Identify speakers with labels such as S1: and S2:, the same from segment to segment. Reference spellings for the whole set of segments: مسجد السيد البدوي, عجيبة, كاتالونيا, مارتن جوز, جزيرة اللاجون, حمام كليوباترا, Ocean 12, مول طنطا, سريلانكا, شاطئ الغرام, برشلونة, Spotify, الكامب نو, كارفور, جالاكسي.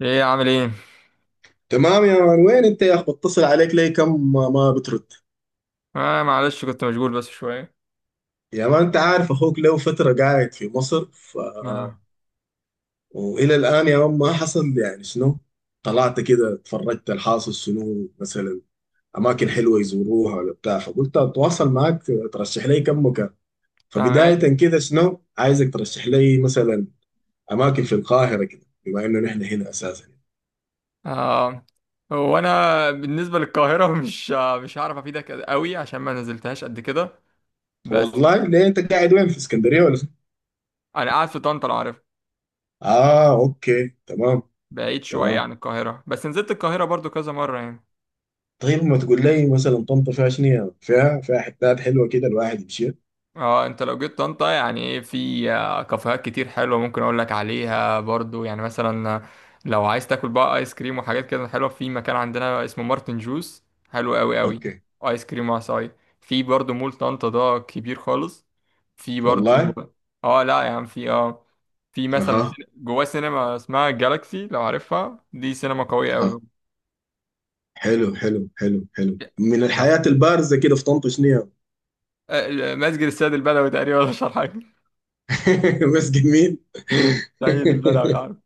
S1: ايه عامل ايه؟
S2: تمام يا مان، وين انت يا اخ؟ بتصل عليك ليه كم ما بترد؟
S1: آه، معلش كنت مشغول بس شوية.
S2: يا مان، انت عارف اخوك له فترة قاعد في مصر
S1: ما.
S2: والى الان يا مان، ما حصل يعني شنو. طلعت كده اتفرجت، الحاصل شنو مثلا، اماكن حلوة يزوروها ولا بتاع، فقلت اتواصل معاك. ترشح لي كم مكان.
S1: تمام.
S2: فبداية كده شنو عايزك ترشح لي مثلا، اماكن في القاهرة كده، بما انه نحن هنا اساسا.
S1: آه. هو انا بالنسبة للقاهرة مش هعرف افيدك قوي عشان ما نزلتهاش قد كده. بس.
S2: والله ليه؟ انت قاعد وين، في اسكندرية ولا شنو؟
S1: انا قاعد في طنطا لو عارف.
S2: اه، اوكي، تمام.
S1: بعيد شوية
S2: تمام.
S1: عن القاهرة بس نزلت القاهرة برضو كذا مرة يعني.
S2: طيب ما تقول لي مثلا طنطا فيها شنو يعني؟ فيها حتات حلوه كده الواحد يمشي.
S1: اه، انت لو جيت طنطا يعني ايه في كافيهات كتير حلوه ممكن اقول لك عليها برضو يعني مثلا، لو عايز تاكل بقى ايس كريم وحاجات كده حلوه في مكان عندنا اسمه مارتن جوز. حلو قوي قوي.
S2: اوكي.
S1: ايس كريم وعصاي. في برضو مول طنطا ده كبير خالص. في برضو.
S2: والله.
S1: اه لا يعني في اه، في مثلا
S2: اها،
S1: سين- جواه سينما اسمها جالاكسي لو عارفها، دي سينما قويه
S2: اها.
S1: قوي.
S2: حلو، حلو، حلو، حلو. من
S1: لا.
S2: الحياه البارزه كده في طنطا شنو يعني؟
S1: مسجد السيد البدوي تقريبا، ولا مش عارف حاجه.
S2: بس جميل.
S1: سيد البدوي لا.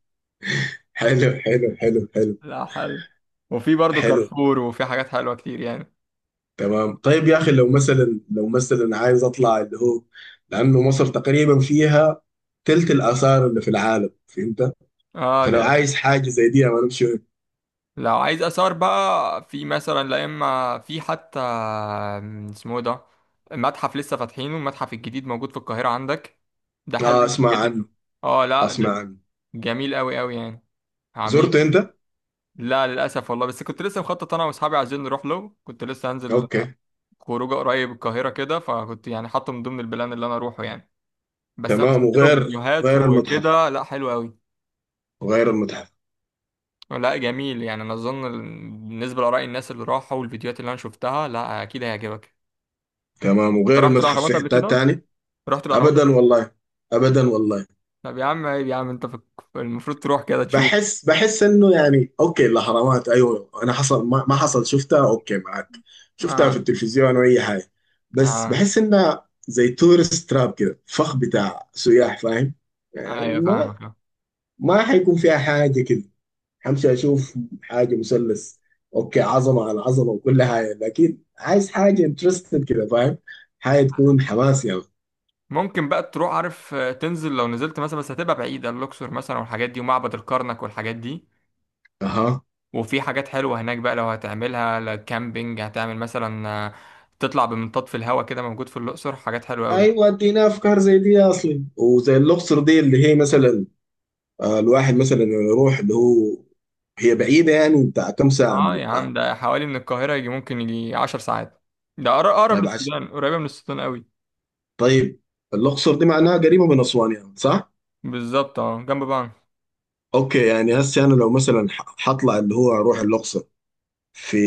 S2: حلو، حلو، حلو، حلو،
S1: لا حلو. وفي برضه
S2: حلو.
S1: كارفور، وفي حاجات حلوة كتير يعني.
S2: تمام. طيب يا اخي، لو مثلا عايز اطلع اللي هو، لانه مصر تقريبا فيها تلت الاثار اللي في العالم، فهمت؟
S1: اه
S2: فلو
S1: ده اكيد.
S2: عايز حاجه زي دي، يعني انا امشي وين؟
S1: لو عايز اثار بقى في مثلا، لا اما في حتى اسمه إيه ده، متحف لسه فاتحينه، المتحف الجديد موجود في القاهرة عندك. ده حلو
S2: اه،
S1: لسه
S2: اسمع
S1: جديد.
S2: عنه.
S1: اه لا ده
S2: اسمع عنه.
S1: جميل قوي قوي يعني. عاملين.
S2: زرته انت؟
S1: لا للاسف والله، بس كنت لسه مخطط، انا واصحابي عايزين نروح له، كنت لسه هنزل
S2: اوكي.
S1: خروجه قريب القاهرة كده، فكنت يعني حاطه من ضمن البلان اللي انا اروحه يعني. بس انا
S2: تمام.
S1: شفت له
S2: وغير
S1: فيديوهات
S2: غير المتحف.
S1: وكده، لا حلو قوي.
S2: وغير المتحف.
S1: لا جميل يعني، انا اظن بالنسبه لاراء الناس اللي راحوا والفيديوهات اللي انا شفتها، لا اكيد هيعجبك.
S2: تمام،
S1: أنت
S2: وغير
S1: رحت
S2: المتحف
S1: الاهرامات
S2: في
S1: قبل
S2: حتات
S1: كده؟
S2: تاني؟
S1: رحت الاهرامات قبل...
S2: ابدا والله. ابدا والله.
S1: طب يا عم، عيب يا عم، المفروض تروح كده تشوف.
S2: بحس انه يعني اوكي، الاهرامات ايوه، انا حصل ما حصل شفتها اوكي معك. شفتها في
S1: اه.
S2: التلفزيون واي حاجه. بس
S1: اه.
S2: بحس انها زي تورست تراب كده، فخ بتاع سياح، فاهم؟ يعني
S1: ايوه
S2: ما
S1: فاهمك.
S2: ما حيكون فيها حاجه كده. همشي اشوف. حاجه مثلث. اوكي، عظمه على عظمه وكل حاجه، لكن عايز حاجه انترستد كده، فاهم؟ حاجه تكون حماس يعني.
S1: ممكن بقى تروح عارف، تنزل لو نزلت مثلا، بس هتبقى بعيده، الاقصر مثلا والحاجات دي، ومعبد الكرنك والحاجات دي.
S2: اها.
S1: وفي حاجات حلوه هناك بقى، لو هتعملها لا، كامبينج هتعمل مثلا تطلع بمنطاد في الهواء كده، موجود في الاقصر، حاجات حلوه قوي.
S2: ايوه، ادينا افكار زي دي اصلي، وزي الاقصر دي اللي هي مثلا، الواحد مثلا يروح اللي هو، هي بعيده يعني، بتاع كم ساعه من
S1: اه يا عم،
S2: القاهره؟
S1: ده حوالي من القاهرة يجي، ممكن يجي 10 ساعات. ده أقرب
S2: طيب
S1: للسودان، قريبة من السودان قوي.
S2: طيب. الاقصر دي معناها قريبه من اسوان يعني، صح؟
S1: بالظبط اه جنب بعض.
S2: اوكي، يعني هسه انا لو مثلا حطلع اللي هو اروح الاقصر، في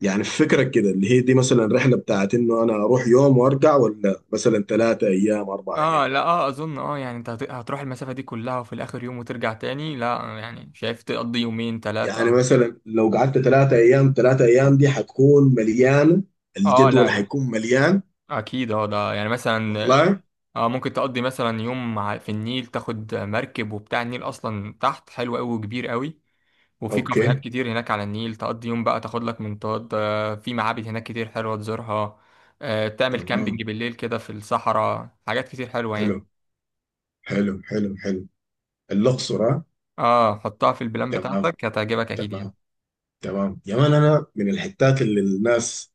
S2: يعني في فكرك كده، اللي هي دي مثلا رحلة بتاعت انه انا اروح يوم وارجع، ولا مثلا 3 ايام 4 ايام؟
S1: اه لا اه أظن اه يعني أنت هتروح المسافة دي كلها، وفي الآخر يوم وترجع تاني؟ لا يعني شايف تقضي يومين تلاتة.
S2: يعني مثلا لو قعدت 3 ايام، 3 ايام دي حتكون مليانة،
S1: اه لا
S2: الجدول
S1: لا
S2: حيكون مليان.
S1: أكيد اه ده يعني مثلا.
S2: والله.
S1: اه ممكن تقضي مثلا يوم، في النيل تاخد مركب وبتاع، النيل أصلا تحت حلو قوي وكبير قوي. وفي كافيهات
S2: اوكي،
S1: كتير هناك على النيل، تقضي يوم بقى، تاخد لك منطاد، في معابد هناك كتير حلوة تزورها، تعمل
S2: تمام.
S1: كامبينج بالليل كده في الصحراء، حاجات كتير حلوة يعني.
S2: حلو، حلو، حلو، حلو. الاقصر، ها؟
S1: اه حطها في البلان
S2: تمام.
S1: بتاعتك، هتعجبك اكيد يعني.
S2: تمام. تمام يا مان، انا من الحتات اللي الناس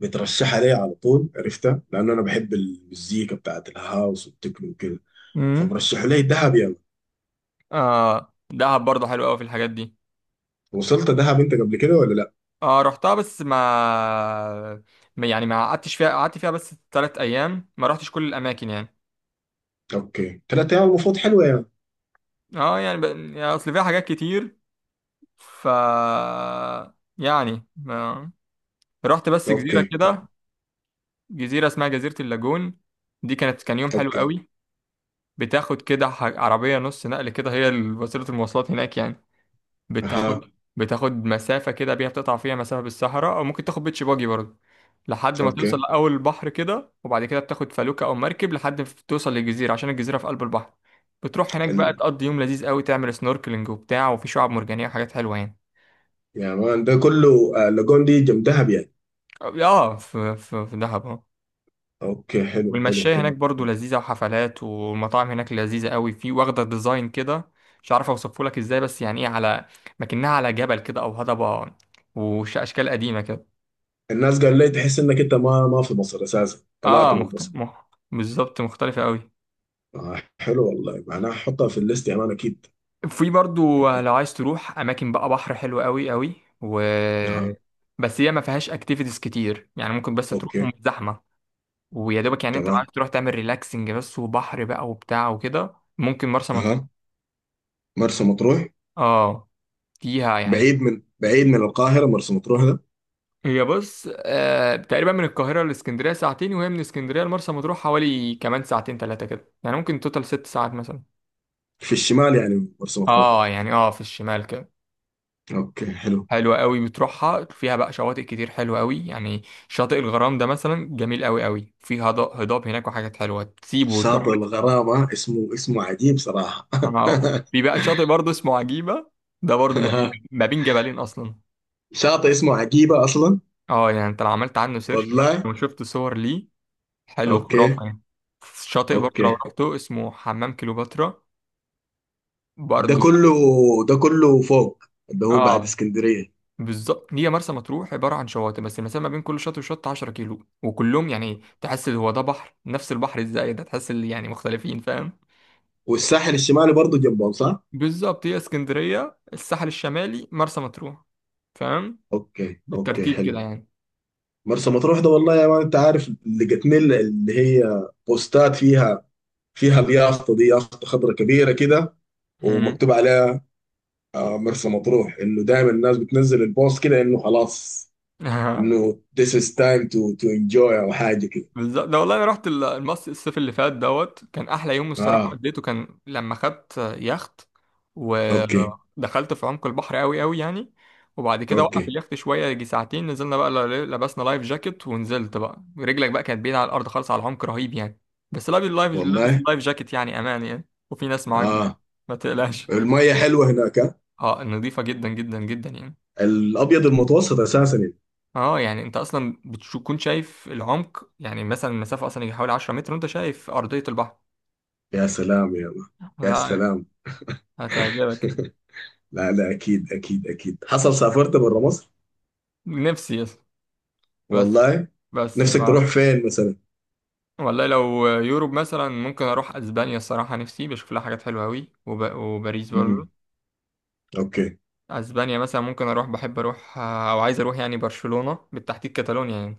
S2: بترشحها ليا على طول، عرفتها لان انا بحب المزيكا بتاعت الهاوس والتكنو وكده.
S1: امم.
S2: فمرشحوا لي دهب يا يعني.
S1: اه دهب برضه حلو قوي في الحاجات دي.
S2: وصلت دهب انت قبل كده ولا لا؟
S1: اه رحتها، بس يعني ما قعدتش فيها، قعدت فيها بس 3 ايام، ما رحتش كل الاماكن يعني.
S2: اوكي، 3 ايام المفروض حلوه يعني.
S1: اه يعني، يعني اصل فيها حاجات كتير. ف يعني ما... رحت بس جزيرة
S2: اوكي. اوكي.
S1: كده. جزيرة اسمها جزيرة اللاجون، دي كانت، كان يوم حلو
S2: اوكي.
S1: قوي. بتاخد كده عربية نص نقل كده، هي وسيلة المواصلات هناك يعني.
S2: اها.
S1: بتاخد مسافة كده بيها، بتقطع فيها مسافة بالصحراء، أو ممكن تاخد بيتش باجي برضه، لحد ما توصل
S2: اوكي.
S1: لأول البحر كده، وبعد كده بتاخد فلوكة أو مركب لحد ما توصل للجزيرة، عشان الجزيرة في قلب البحر. بتروح هناك بقى،
S2: ال...
S1: تقضي يوم لذيذ قوي، تعمل سنوركلينج وبتاع، وفي شعاب مرجانية وحاجات حلوة يعني.
S2: يا مان ده كله، لاجون دي جنب دهب يعني؟
S1: اه في دهب.
S2: اوكي، حلو، حلو،
S1: والمشاية
S2: حلو.
S1: هناك برضو لذيذة، وحفلات، والمطاعم هناك لذيذة قوي، في واخدة ديزاين كده مش عارف اوصفه لك ازاي، بس يعني ايه، على مكنها على جبل كده او هضبة، واشكال قديمة كده.
S2: الناس قال لي تحس انك انت ما في مصر اساسا،
S1: اه
S2: طلعت
S1: اه
S2: من مصر.
S1: بالظبط مختلفة قوي.
S2: آه، حلو والله، معناها احطها في الليست يا مان اكيد.
S1: في برضو
S2: اكيد.
S1: لو عايز تروح اماكن بقى، بحر حلو قوي قوي. و
S2: اها.
S1: بس هي ما فيهاش اكتيفيتيز كتير يعني، ممكن بس تروحهم
S2: اوكي.
S1: زحمة. ويا دوبك يعني، انت عايز
S2: تمام.
S1: تروح تعمل ريلاكسنج بس وبحر بقى وبتاع وكده، ممكن مرسى مطروح.
S2: اها. مرسى مطروح.
S1: اه فيها يعني.
S2: بعيد من القاهرة مرسى مطروح ده؟
S1: هي بص تقريبا من القاهرة لإسكندرية ساعتين، وهي من إسكندرية لمرسى مطروح حوالي كمان ساعتين تلاتة كده، يعني ممكن توتال 6 ساعات مثلا.
S2: في الشمال يعني مرسى مطروح؟
S1: اه يعني اه، في الشمال كده.
S2: اوكي، حلو.
S1: حلوة قوي بتروحها، فيها بقى شواطئ كتير حلوة قوي يعني. شاطئ الغرام ده مثلا جميل قوي قوي، في هضاب هناك وحاجات حلوة، تسيبه وتروح.
S2: شاطئ الغرامة، اسمه عجيب صراحة.
S1: اه، في بقى شاطئ برضه اسمه عجيبة، ده برضه جميل ما بين جبلين أصلا.
S2: شاطئ اسمه عجيبة اصلا؟
S1: اه يعني انت لو عملت عنه سيرش مثلا،
S2: والله.
S1: وشفت صور ليه، حلو
S2: اوكي.
S1: خرافة يعني. شاطئ برضه لو
S2: اوكي.
S1: رحته اسمه حمام كليوباترا،
S2: ده
S1: برضه.
S2: كله، ده كله فوق، اللي هو بعد
S1: اه
S2: اسكندرية.
S1: بالظبط، هي مرسى مطروح عبارة عن شواطئ، بس المسافة ما بين كل شاطئ وشط 10 كيلو، وكلهم يعني تحس هو ده بحر، نفس البحر ازاي، ده تحس يعني مختلفين، فاهم.
S2: والساحل الشمالي برضه جنبهم، صح؟
S1: بالظبط، هي اسكندرية، الساحل الشمالي، مرسى مطروح، فاهم؟
S2: اوكي، اوكي،
S1: بالترتيب
S2: حلو.
S1: كده يعني.
S2: مرسى مطروح ده والله يا مان، انت عارف لقيتني اللي هي بوستات، فيها اليافطة دي، يافطة خضرة كبيرة كده،
S1: مم.
S2: ومكتوب عليها آه مرسى مطروح، انه دايما الناس بتنزل البوست كده انه خلاص، انه this is time to enjoy او حاجه كده.
S1: بالظبط، ده والله انا رحت المصيف، الصيف اللي فات دوت كان احلى يوم الصراحه
S2: اه،
S1: قضيته، كان لما خدت يخت
S2: اوكي،
S1: ودخلت في عمق البحر قوي قوي يعني. وبعد كده وقف
S2: اوكي
S1: اليخت شويه يجي ساعتين، نزلنا بقى، لبسنا لايف جاكيت، ونزلت بقى، رجلك بقى كانت بعيده على الارض خالص، على عمق رهيب يعني. بس لابس اللايف لابس
S2: والله.
S1: اللايف جاكيت، يعني امان يعني، وفي ناس معاك برضه،
S2: اه،
S1: ما تقلقش.
S2: المية حلوه هناك آه.
S1: اه نظيفه جدا جدا جدا يعني.
S2: الابيض المتوسط اساسا يعني.
S1: اه يعني انت اصلا بتكون شايف العمق، يعني مثلا المسافه اصلا يجي حوالي 10 متر، وانت شايف ارضيه البحر.
S2: يا سلام يا الله. يا
S1: لا
S2: سلام.
S1: هتعجبك.
S2: لا، لا، اكيد، اكيد، اكيد. حصل سافرت برا مصر؟
S1: نفسي يس. بس
S2: والله.
S1: بس
S2: نفسك تروح
S1: بقى.
S2: فين مثلا؟
S1: والله لو يوروب مثلا، ممكن اروح اسبانيا الصراحه، نفسي بشوف لها حاجات حلوه قوي، وباريس برضو.
S2: امم. اوكي.
S1: اسبانيا مثلا ممكن اروح، بحب اروح او عايز اروح يعني برشلونه بالتحديد، كاتالونيا يعني.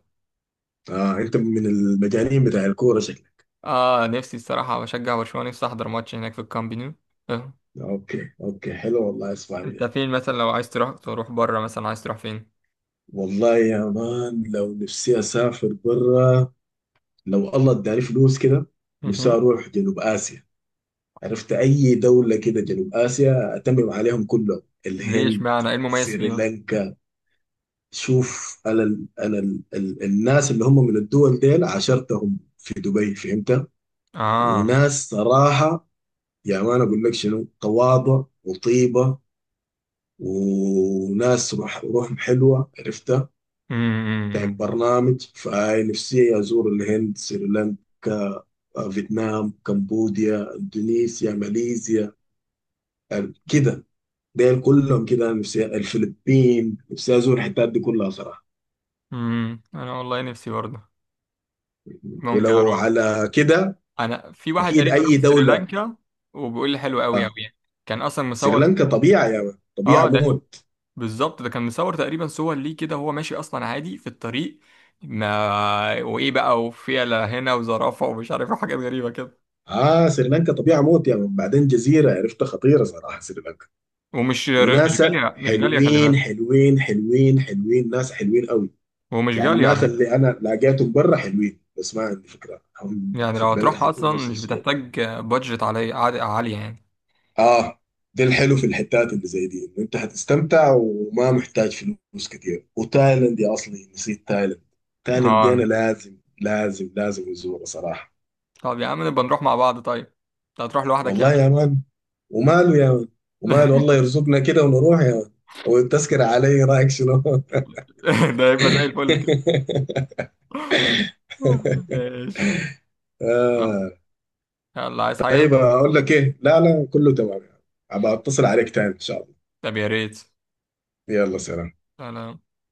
S2: اه، انت من المجانين بتاع الكوره شكلك.
S1: اه نفسي الصراحه بشجع برشلونه، نفسي احضر ماتش هناك في الكامب نو آه.
S2: اوكي، اوكي، حلو والله. اسمع.
S1: انت فين مثلا لو عايز تروح، تروح بره مثلا، عايز تروح فين؟
S2: والله يا مان، لو نفسي اسافر برا، لو الله اداني فلوس كده، نفسي
S1: مهم.
S2: اروح جنوب اسيا. عرفت؟ اي دولة كده جنوب اسيا اتمم عليهم كلهم.
S1: ليش؟
S2: الهند،
S1: معنى ايه المميز فيها؟
S2: سريلانكا. شوف، انا ال انا ال ال الناس اللي هم من الدول ديل عاشرتهم في دبي، فهمت؟
S1: اه.
S2: وناس صراحة، يا مان اقول لك شنو، تواضع وطيبة. وناس روحهم حلوة، عرفت؟ طيب
S1: أمم.
S2: برنامج فنفسي أزور الهند، سريلانكا، فيتنام، كمبوديا، إندونيسيا، ماليزيا، كده. ديل كلهم كده، أنا نفسي الفلبين، نفسي أزور الحتات دي كلها صراحة.
S1: أمم. انا والله نفسي برضه، ممكن
S2: ولو
S1: اروح.
S2: على كده،
S1: انا في واحد
S2: أكيد
S1: قريب
S2: أي
S1: راح
S2: دولة.
S1: سريلانكا، وبيقول لي حلو قوي
S2: آه،
S1: قوي يعني، كان اصلا مصور.
S2: سريلانكا طبيعة يا من. طبيعة
S1: اه ده
S2: موت.
S1: بالظبط، ده كان مصور تقريبا، صور ليه كده وهو ماشي اصلا عادي في الطريق، ما وايه بقى، وفيلة هنا وزرافة ومش عارف إيه، حاجات غريبة كده.
S2: آه، سريلانكا طبيعة موت يا من. بعدين جزيرة عرفتها خطيرة صراحة، سريلانكا.
S1: ومش مش
S2: وناسا
S1: غالية، مش غالية خلي
S2: حلوين،
S1: بالك،
S2: حلوين، حلوين، حلوين، ناس حلوين قوي.
S1: ومش
S2: يعني
S1: غالية على
S2: الناس
S1: فكرة.
S2: اللي انا لقيتهم برا حلوين، بس ما عندي فكره هم
S1: يعني
S2: في
S1: لو
S2: البلد
S1: هتروح
S2: حيكونوا
S1: اصلا
S2: نفس
S1: مش
S2: الشيء ده.
S1: بتحتاج بادجت عالية، عالية يعني.
S2: اه، ده الحلو في الحتات اللي زي دي، انه انت حتستمتع وما محتاج فلوس كتير. وتايلاند يا اصلي، نسيت تايلاند. تايلاند دي انا
S1: اه
S2: لازم، لازم، لازم ازورها صراحه.
S1: طب يا عم نبقى نروح مع بعض، طيب انت هتروح لوحدك
S2: والله
S1: يعني؟
S2: يا مان. وماله يا مان. وماله، والله يرزقنا كده ونروح يا مان. والتذكرة علي رايك شنو؟
S1: ده يبقى زي الفل كده. ماشي.
S2: آه.
S1: يلا عايز
S2: طيب
S1: حاجة؟
S2: اقول لك ايه، لا، لا، كله تمام يعني. ابقى اتصل عليك تاني ان شاء الله.
S1: طب يا ريت.
S2: يلا، سلام.
S1: لا لا